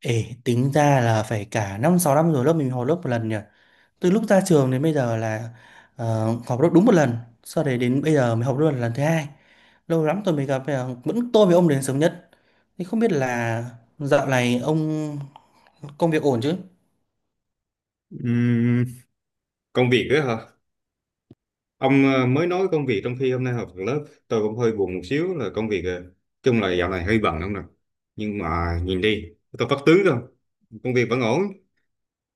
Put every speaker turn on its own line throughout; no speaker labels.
Ê, tính ra là phải cả 5 6 năm rồi lớp mình họp lớp một lần nhỉ. Từ lúc ra trường đến bây giờ là họp lớp đúng một lần, sau đấy đến bây giờ mới họp lớp lần thứ hai. Lâu lắm tôi mới gặp bây giờ vẫn tôi với ông đến sớm nhất. Thì không biết là dạo này ông công việc ổn chứ?
Ừm, Công việc đó hả? Ông mới nói công việc trong khi hôm nay học lớp tôi cũng hơi buồn một xíu là công việc chung là dạo này hơi bận không nè. Nhưng mà nhìn đi, tôi phát tướng không? Công việc vẫn ổn.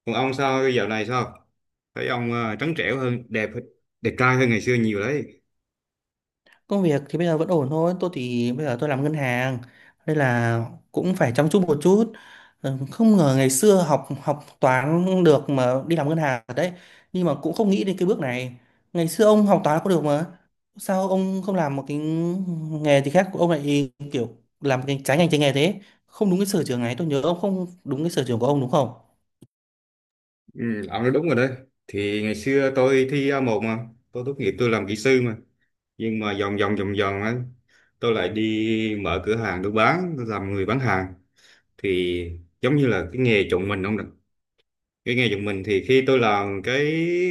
Còn ông sao dạo này sao? Thấy ông trắng trẻo hơn, đẹp đẹp trai hơn ngày xưa nhiều đấy.
Công việc thì bây giờ vẫn ổn thôi. Tôi thì bây giờ tôi làm ngân hàng nên là cũng phải chăm chút một chút. Ừ, không ngờ ngày xưa học học toán được mà đi làm ngân hàng thật đấy. Nhưng mà cũng không nghĩ đến cái bước này. Ngày xưa ông học toán có được mà. Sao ông không làm một cái nghề gì khác ông lại kiểu làm cái trái ngành trái nghề thế? Không đúng cái sở trường này. Tôi nhớ ông không đúng cái sở trường của ông đúng không?
Ừ, ông nói đúng rồi đấy. Thì ngày xưa tôi thi A1 mà, tôi tốt nghiệp tôi làm kỹ sư mà. Nhưng mà vòng vòng ấy, tôi lại đi mở cửa hàng tôi bán, tôi làm người bán hàng thì giống như là cái nghề chọn mình không được, cái nghề chọn mình thì khi tôi làm cái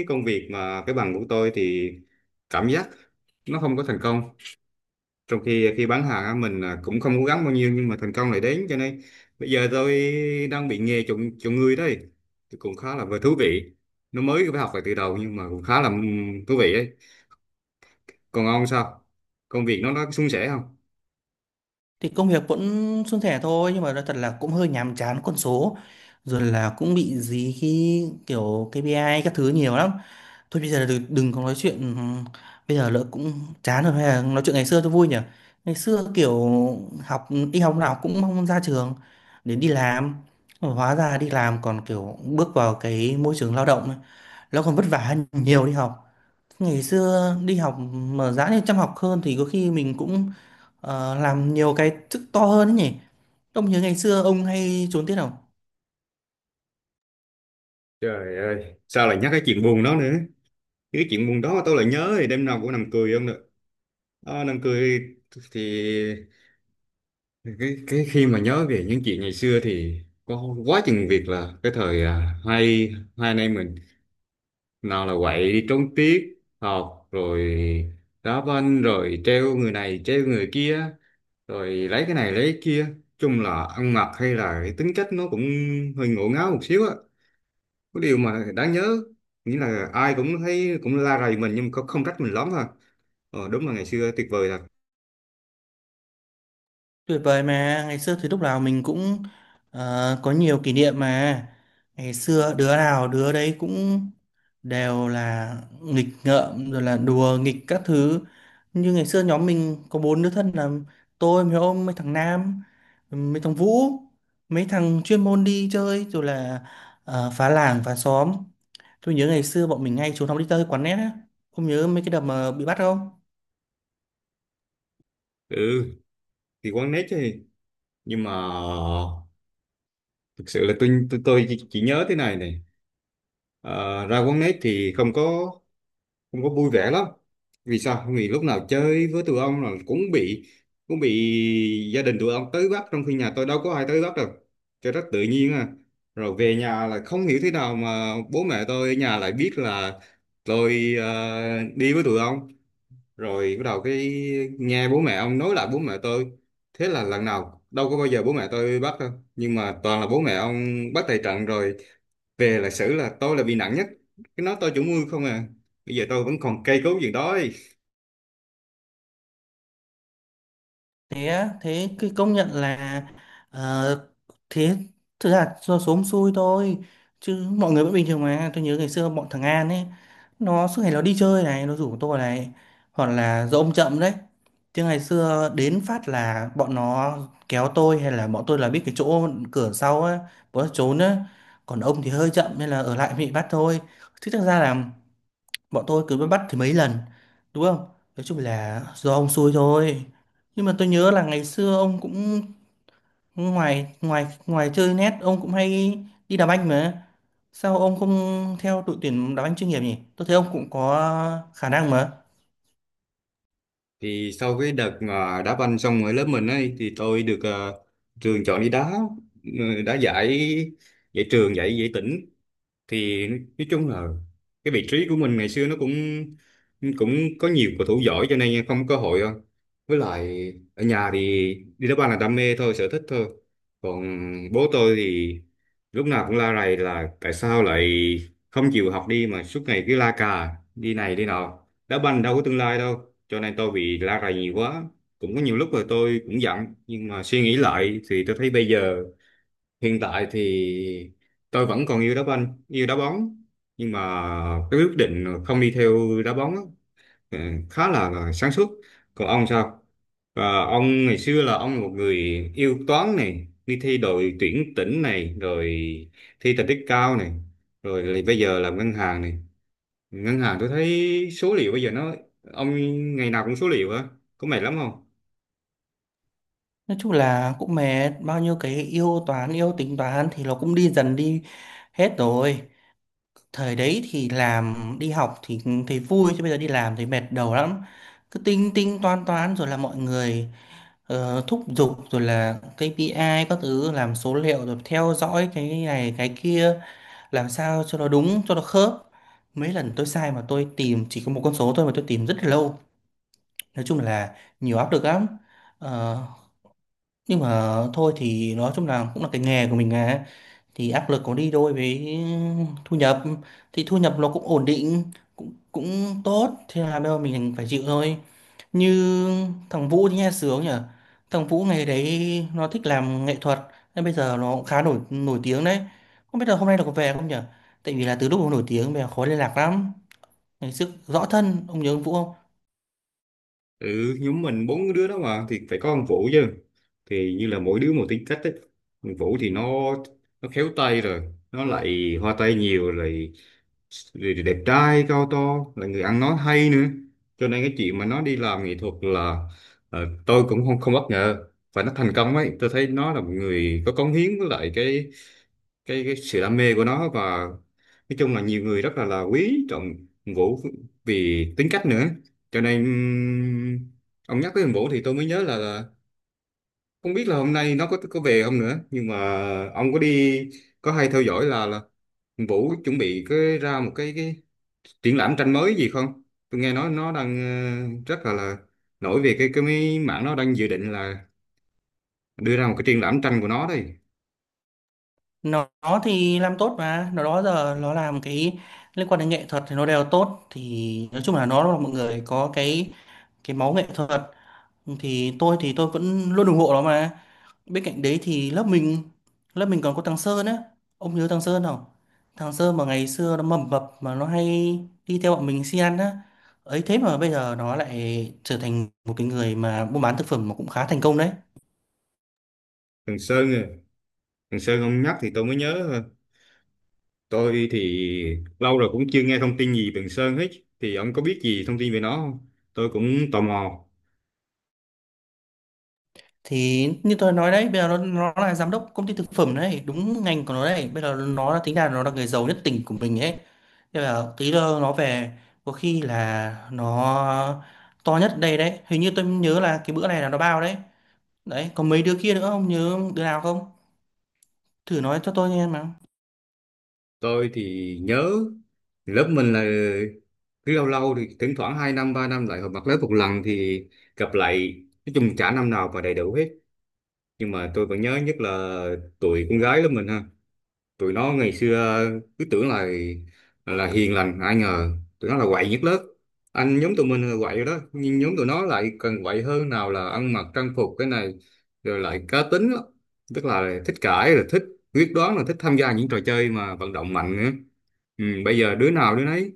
công việc mà cái bằng của tôi thì cảm giác nó không có thành công, trong khi khi bán hàng á, mình à, cũng không cố gắng bao nhiêu nhưng mà thành công lại đến, cho nên bây giờ tôi đang bị nghề chọn chọn người đấy, thì cũng khá là vừa thú vị, nó mới phải học lại từ đầu nhưng mà cũng khá là thú vị ấy. Còn ông sao, công việc nó suôn sẻ không?
Thì công việc vẫn suôn sẻ thôi, nhưng mà nói thật là cũng hơi nhàm chán con số, rồi là cũng bị dí khi kiểu KPI các thứ nhiều lắm. Thôi bây giờ đừng có nói chuyện bây giờ lỡ cũng chán rồi, hay là nói chuyện ngày xưa cho vui nhỉ. Ngày xưa kiểu học đi học nào cũng mong ra trường để đi làm, hóa ra đi làm còn kiểu bước vào cái môi trường lao động ấy, nó còn vất vả hơn nhiều đi học. Ngày xưa đi học mà giá như chăm học hơn thì có khi mình cũng làm nhiều cái chức to hơn ấy nhỉ. Ông nhớ ngày xưa ông hay trốn tiết không?
Trời ơi, sao lại nhắc cái chuyện buồn đó nữa, cái chuyện buồn đó tôi lại nhớ thì đêm nào cũng nằm cười không được. Năm cười thì cái khi mà nhớ về những chuyện ngày xưa thì có quá chừng việc, là cái thời hai hai anh em mình nào là quậy đi trốn tiết học rồi đá banh rồi treo người này treo người kia rồi lấy cái này lấy cái kia, chung là ăn mặc hay là cái tính cách nó cũng hơi ngổ ngáo một xíu á, có điều mà đáng nhớ, nghĩa là ai cũng thấy cũng la rầy mình nhưng mà không không trách mình lắm ha. Đúng là ngày xưa tuyệt vời thật.
Tuyệt vời mà ngày xưa thì lúc nào mình cũng có nhiều kỷ niệm mà. Ngày xưa đứa nào đứa đấy cũng đều là nghịch ngợm rồi là đùa nghịch các thứ, như ngày xưa nhóm mình có bốn đứa thân là tôi mấy ông, mấy thằng Nam, mấy thằng Vũ, mấy thằng chuyên môn đi chơi rồi là phá làng phá xóm. Tôi nhớ ngày xưa bọn mình hay trốn học đi chơi quán net á. Không nhớ mấy cái đợt mà bị bắt không?
Ừ, thì quán nét chứ, nhưng mà thực sự là tôi chỉ nhớ thế này này. Ờ, Ra quán nét thì không có vui vẻ lắm. Vì sao? Vì lúc nào chơi với tụi ông là cũng bị gia đình tụi ông tới bắt, trong khi nhà tôi đâu có ai tới bắt đâu, cho rất tự nhiên à. Rồi về nhà là không hiểu thế nào mà bố mẹ tôi ở nhà lại biết là tôi đi với tụi ông, rồi bắt đầu cái nghe bố mẹ ông nói lại bố mẹ tôi, thế là lần nào đâu có bao giờ bố mẹ tôi bắt đâu, nhưng mà toàn là bố mẹ ông bắt tại trận, rồi về là xử, là tôi là bị nặng nhất, cái nói tôi chủ mưu không à, bây giờ tôi vẫn còn cây cấu gì đó ấy.
Thế á, thế cái công nhận là ờ, thế thực ra do số xui thôi, chứ mọi người vẫn bình thường mà. Tôi nhớ ngày xưa bọn thằng An ấy, nó suốt ngày nó đi chơi này, nó rủ tôi này, hoặc là do ông chậm đấy. Chứ ngày xưa đến phát là bọn nó kéo tôi, hay là bọn tôi là biết cái chỗ cửa sau á, bọn nó trốn á. Còn ông thì hơi chậm nên là ở lại bị bắt thôi. Chứ thực ra là bọn tôi cứ bắt thì mấy lần đúng không. Nói chung là do ông xui thôi, nhưng mà tôi nhớ là ngày xưa ông cũng ngoài ngoài ngoài chơi net ông cũng hay đi đá banh mà. Sao ông không theo đội tuyển đá banh chuyên nghiệp nhỉ, tôi thấy ông cũng có khả năng mà.
Thì sau cái đợt mà đá banh xong ở lớp mình ấy thì tôi được trường chọn đi đá, đá giải giải trường giải giải tỉnh, thì nói chung là cái vị trí của mình ngày xưa nó cũng cũng có nhiều cầu thủ giỏi cho nên không có cơ hội. Với lại ở nhà thì đi đá banh là đam mê thôi, sở thích thôi, còn bố tôi thì lúc nào cũng la rầy là tại sao lại không chịu học đi mà suốt ngày cứ la cà đi này đi nọ, đá banh đâu có tương lai đâu, cho nên tôi bị la rầy nhiều quá, cũng có nhiều lúc là tôi cũng giận, nhưng mà suy nghĩ lại thì tôi thấy bây giờ hiện tại thì tôi vẫn còn yêu đá banh yêu đá bóng, nhưng mà cái quyết định không đi theo đá bóng á, Ừ, khá là sáng suốt. Còn ông sao? Và ông ngày xưa là ông là một người yêu toán này, đi thi đội tuyển tỉnh này, rồi thi thành tích cao này, rồi lại bây giờ làm ngân hàng này, ngân hàng tôi thấy số liệu bây giờ nó, ông ngày nào cũng số liệu á, có mệt lắm không?
Nói chung là cũng mệt, bao nhiêu cái yêu toán yêu tính toán thì nó cũng đi dần đi hết rồi. Thời đấy thì làm đi học thì thấy vui, chứ bây giờ đi làm thì mệt đầu lắm. Cứ tính tính toán toán rồi là mọi người thúc giục rồi là KPI các thứ, làm số liệu rồi theo dõi cái này cái kia, làm sao cho nó đúng cho nó khớp. Mấy lần tôi sai mà tôi tìm chỉ có một con số thôi mà tôi tìm rất là lâu. Nói chung là nhiều áp lực lắm. Ờ, nhưng mà thôi thì nói chung là cũng là cái nghề của mình à, thì áp lực có đi đôi với thu nhập, thì thu nhập nó cũng ổn định, cũng cũng tốt, thế là bây giờ mình phải chịu thôi. Như thằng Vũ thì nghe sướng nhỉ, thằng Vũ ngày đấy nó thích làm nghệ thuật nên bây giờ nó cũng khá nổi nổi tiếng đấy. Không biết là hôm nay nó có về không nhỉ, tại vì là từ lúc nó nổi tiếng bây giờ khó liên lạc lắm. Ngày trước rõ thân, ông nhớ ông Vũ không?
Ừ, nhóm mình bốn đứa đó mà thì phải có ông Vũ chứ, thì như là mỗi đứa một tính cách ấy. Ông Vũ thì nó khéo tay rồi nó lại hoa tay nhiều rồi, rồi thì đẹp trai cao to, là người ăn nói hay nữa, cho nên cái chuyện mà nó đi làm nghệ thuật là tôi cũng không không bất ngờ. Và nó thành công ấy, tôi thấy nó là một người có cống hiến, với lại cái sự đam mê của nó, và nói chung là nhiều người rất là quý trọng Hùng Vũ, vì tính cách nữa. Cho nên ông nhắc tới Hùng Vũ thì tôi mới nhớ là không biết là hôm nay nó có về không nữa. Nhưng mà ông có đi, có hay theo dõi là Hùng Vũ chuẩn bị cái ra một cái triển lãm tranh mới gì không? Tôi nghe nói nó đang rất là nổi về cái mấy mảng, nó đang dự định là đưa ra một cái triển lãm tranh của nó đây.
Nó thì làm tốt mà, nó đó giờ nó làm cái liên quan đến nghệ thuật thì nó đều tốt. Thì nói chung là nó là một người có cái máu nghệ thuật, thì tôi vẫn luôn ủng hộ nó mà. Bên cạnh đấy thì lớp mình còn có thằng Sơn á. Ông nhớ thằng Sơn không? Thằng Sơn mà ngày xưa nó mầm mập mà nó hay đi theo bọn mình si ăn á. Ấy thế mà bây giờ nó lại trở thành một cái người mà buôn bán thực phẩm mà cũng khá thành công đấy.
Thằng Sơn, à. Thằng Sơn ông nhắc thì tôi mới nhớ ha. Tôi thì lâu rồi cũng chưa nghe thông tin gì về thằng Sơn hết. Thì ông có biết gì thông tin về nó không? Tôi cũng tò mò.
Thì như tôi nói đấy, bây giờ nó là giám đốc công ty thực phẩm đấy, đúng ngành của nó đấy. Bây giờ nó là tính là nó là người giàu nhất tỉnh của mình ấy. Thế là tí nữa nó về có khi là nó to nhất đây đấy. Hình như tôi nhớ là cái bữa này là nó bao đấy. Đấy, có mấy đứa kia nữa không? Nhớ đứa nào không? Thử nói cho tôi nghe mà.
Tôi thì nhớ lớp mình là cứ lâu lâu thì thỉnh thoảng 2 năm 3 năm lại họp mặt lớp một lần thì gặp lại, nói chung chả năm nào mà đầy đủ hết, nhưng mà tôi vẫn nhớ nhất là tụi con gái lớp mình ha. Tụi nó ngày xưa cứ tưởng là hiền lành, ai ngờ tụi nó là quậy nhất lớp. Anh nhóm tụi mình là quậy rồi đó, nhưng nhóm tụi nó lại càng quậy hơn, nào là ăn mặc trang phục cái này, rồi lại cá tính lắm, tức là thích cãi rồi thích quyết đoán, là thích tham gia những trò chơi mà vận động mạnh nữa. Bây giờ đứa nào đứa nấy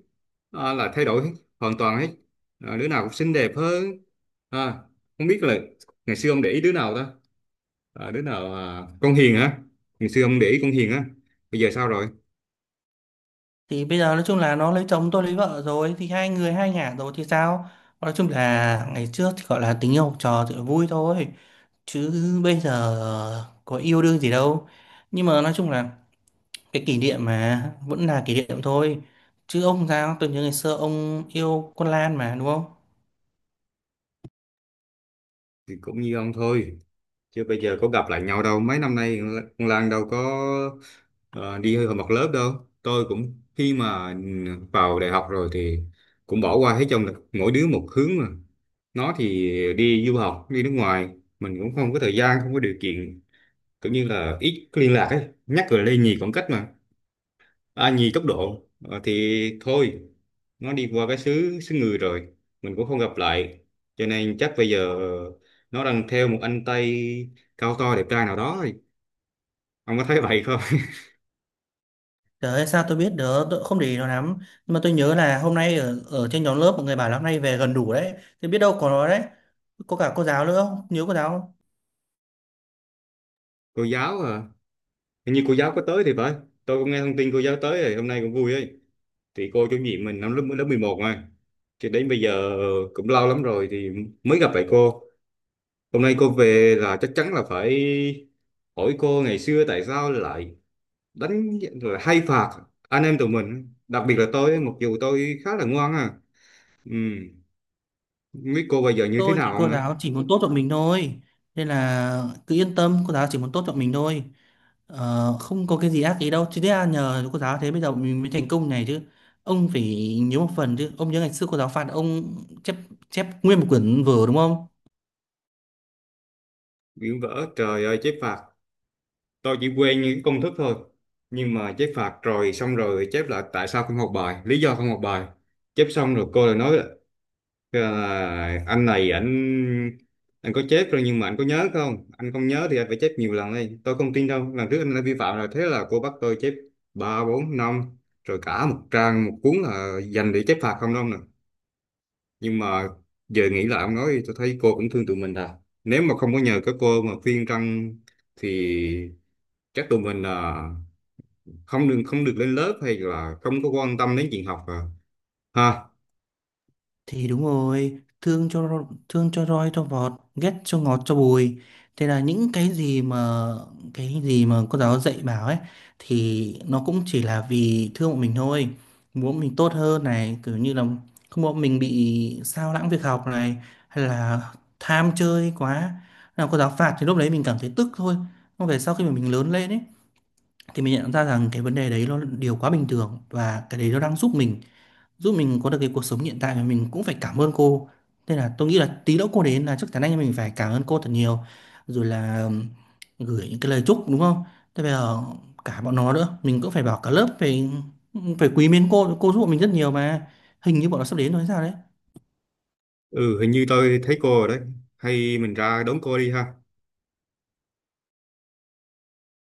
à, là thay đổi hết, hoàn toàn hết à, đứa nào cũng xinh đẹp hơn à, không biết là ngày xưa ông để ý đứa nào ta, à, đứa nào à, con Hiền hả? Ngày xưa ông để ý con Hiền á, bây giờ sao rồi?
Thì bây giờ nói chung là nó lấy chồng tôi lấy vợ rồi thì hai người hai ngả rồi thì sao? Nói chung là ngày trước thì gọi là tình yêu học trò thì vui thôi. Chứ bây giờ có yêu đương gì đâu. Nhưng mà nói chung là cái kỷ niệm mà vẫn là kỷ niệm thôi. Chứ ông sao? Tôi nhớ ngày xưa ông yêu con Lan mà đúng không?
Thì cũng như ông thôi, chứ bây giờ có gặp lại nhau đâu mấy năm nay, con Lan đâu có ờ, đi hơi học lớp đâu. Tôi cũng, khi mà vào đại học rồi thì cũng bỏ qua hết trơn, là mỗi đứa một hướng mà, nó thì đi du học đi nước ngoài, mình cũng không có thời gian không có điều kiện, cũng như là ít liên lạc ấy, nhắc rồi lây nhì khoảng cách mà, à, nhì tốc độ. Thì thôi, nó đi qua cái xứ xứ người rồi, mình cũng không gặp lại, cho nên chắc bây giờ nó đang theo một anh Tây cao to đẹp trai nào đó rồi, ông có thấy vậy không?
Trời ơi, sao tôi biết được, tôi cũng không để ý nó lắm. Nhưng mà tôi nhớ là hôm nay ở trên nhóm lớp mọi người bảo là hôm nay về gần đủ đấy. Thì biết đâu có nó đấy. Có cả cô giáo nữa không? Nhớ cô giáo không?
Cô giáo à, hình như cô giáo có tới thì phải, tôi cũng nghe thông tin cô giáo tới rồi, hôm nay cũng vui ấy. Thì cô chủ nhiệm mình năm lớp lớp 11 mà, thì đến bây giờ cũng lâu lắm rồi thì mới gặp lại cô, hôm nay cô về là chắc chắn là phải hỏi cô ngày xưa tại sao lại đánh rồi hay phạt anh em tụi mình, đặc biệt là tôi, mặc dù tôi khá là ngoan à. Ừ. Không biết cô bây giờ như thế
Tôi chỉ,
nào
cô
nữa.
giáo chỉ muốn tốt cho mình thôi. Nên là cứ yên tâm, cô giáo chỉ muốn tốt cho mình thôi. Không có cái gì ác ý đâu. Chứ thế là nhờ cô giáo thế bây giờ mình mới thành công này chứ. Ông phải nhớ một phần chứ. Ông nhớ ngày xưa cô giáo phạt ông chép chép nguyên một quyển vở đúng không?
Biển vỡ, trời ơi chép phạt, tôi chỉ quen những công thức thôi, nhưng mà chép phạt rồi xong rồi chép lại, tại sao không học bài, lý do không học bài, chép xong rồi cô lại nói, Ờ, anh này, anh có chết rồi nhưng mà anh có nhớ không, anh không nhớ thì anh phải chép nhiều lần đây, tôi không tin đâu, lần trước anh đã vi phạm rồi, thế là cô bắt tôi chép ba bốn năm, rồi cả một trang một cuốn là dành để chép phạt không đâu nè. Nhưng mà giờ nghĩ lại ông nói thì tôi thấy cô cũng thương tụi mình à, nếu mà không có nhờ các cô mà khuyên răn thì chắc tụi mình là không được lên lớp, hay là không có quan tâm đến chuyện học à, ha.
Thì đúng rồi, thương cho roi cho vọt, ghét cho ngọt cho bùi. Thế là những cái gì mà cô giáo dạy bảo ấy thì nó cũng chỉ là vì thương bọn mình thôi, muốn mình tốt hơn này, kiểu như là không muốn mình bị sao lãng việc học này, hay là tham chơi quá. Nào cô giáo phạt thì lúc đấy mình cảm thấy tức thôi. Còn về sau khi mà mình lớn lên ấy thì mình nhận ra rằng cái vấn đề đấy nó là điều quá bình thường, và cái đấy nó đang giúp mình có được cái cuộc sống hiện tại, mà mình cũng phải cảm ơn cô. Nên là tôi nghĩ là tí nữa cô đến là chắc chắn anh em mình phải cảm ơn cô thật nhiều, rồi là gửi những cái lời chúc đúng không. Thế bây giờ cả bọn nó nữa mình cũng phải bảo cả lớp phải phải quý mến cô giúp bọn mình rất nhiều mà. Hình như bọn nó sắp đến rồi hay sao đấy.
Ừ, hình như tôi thấy cô rồi đấy, hay mình ra đón cô đi ha.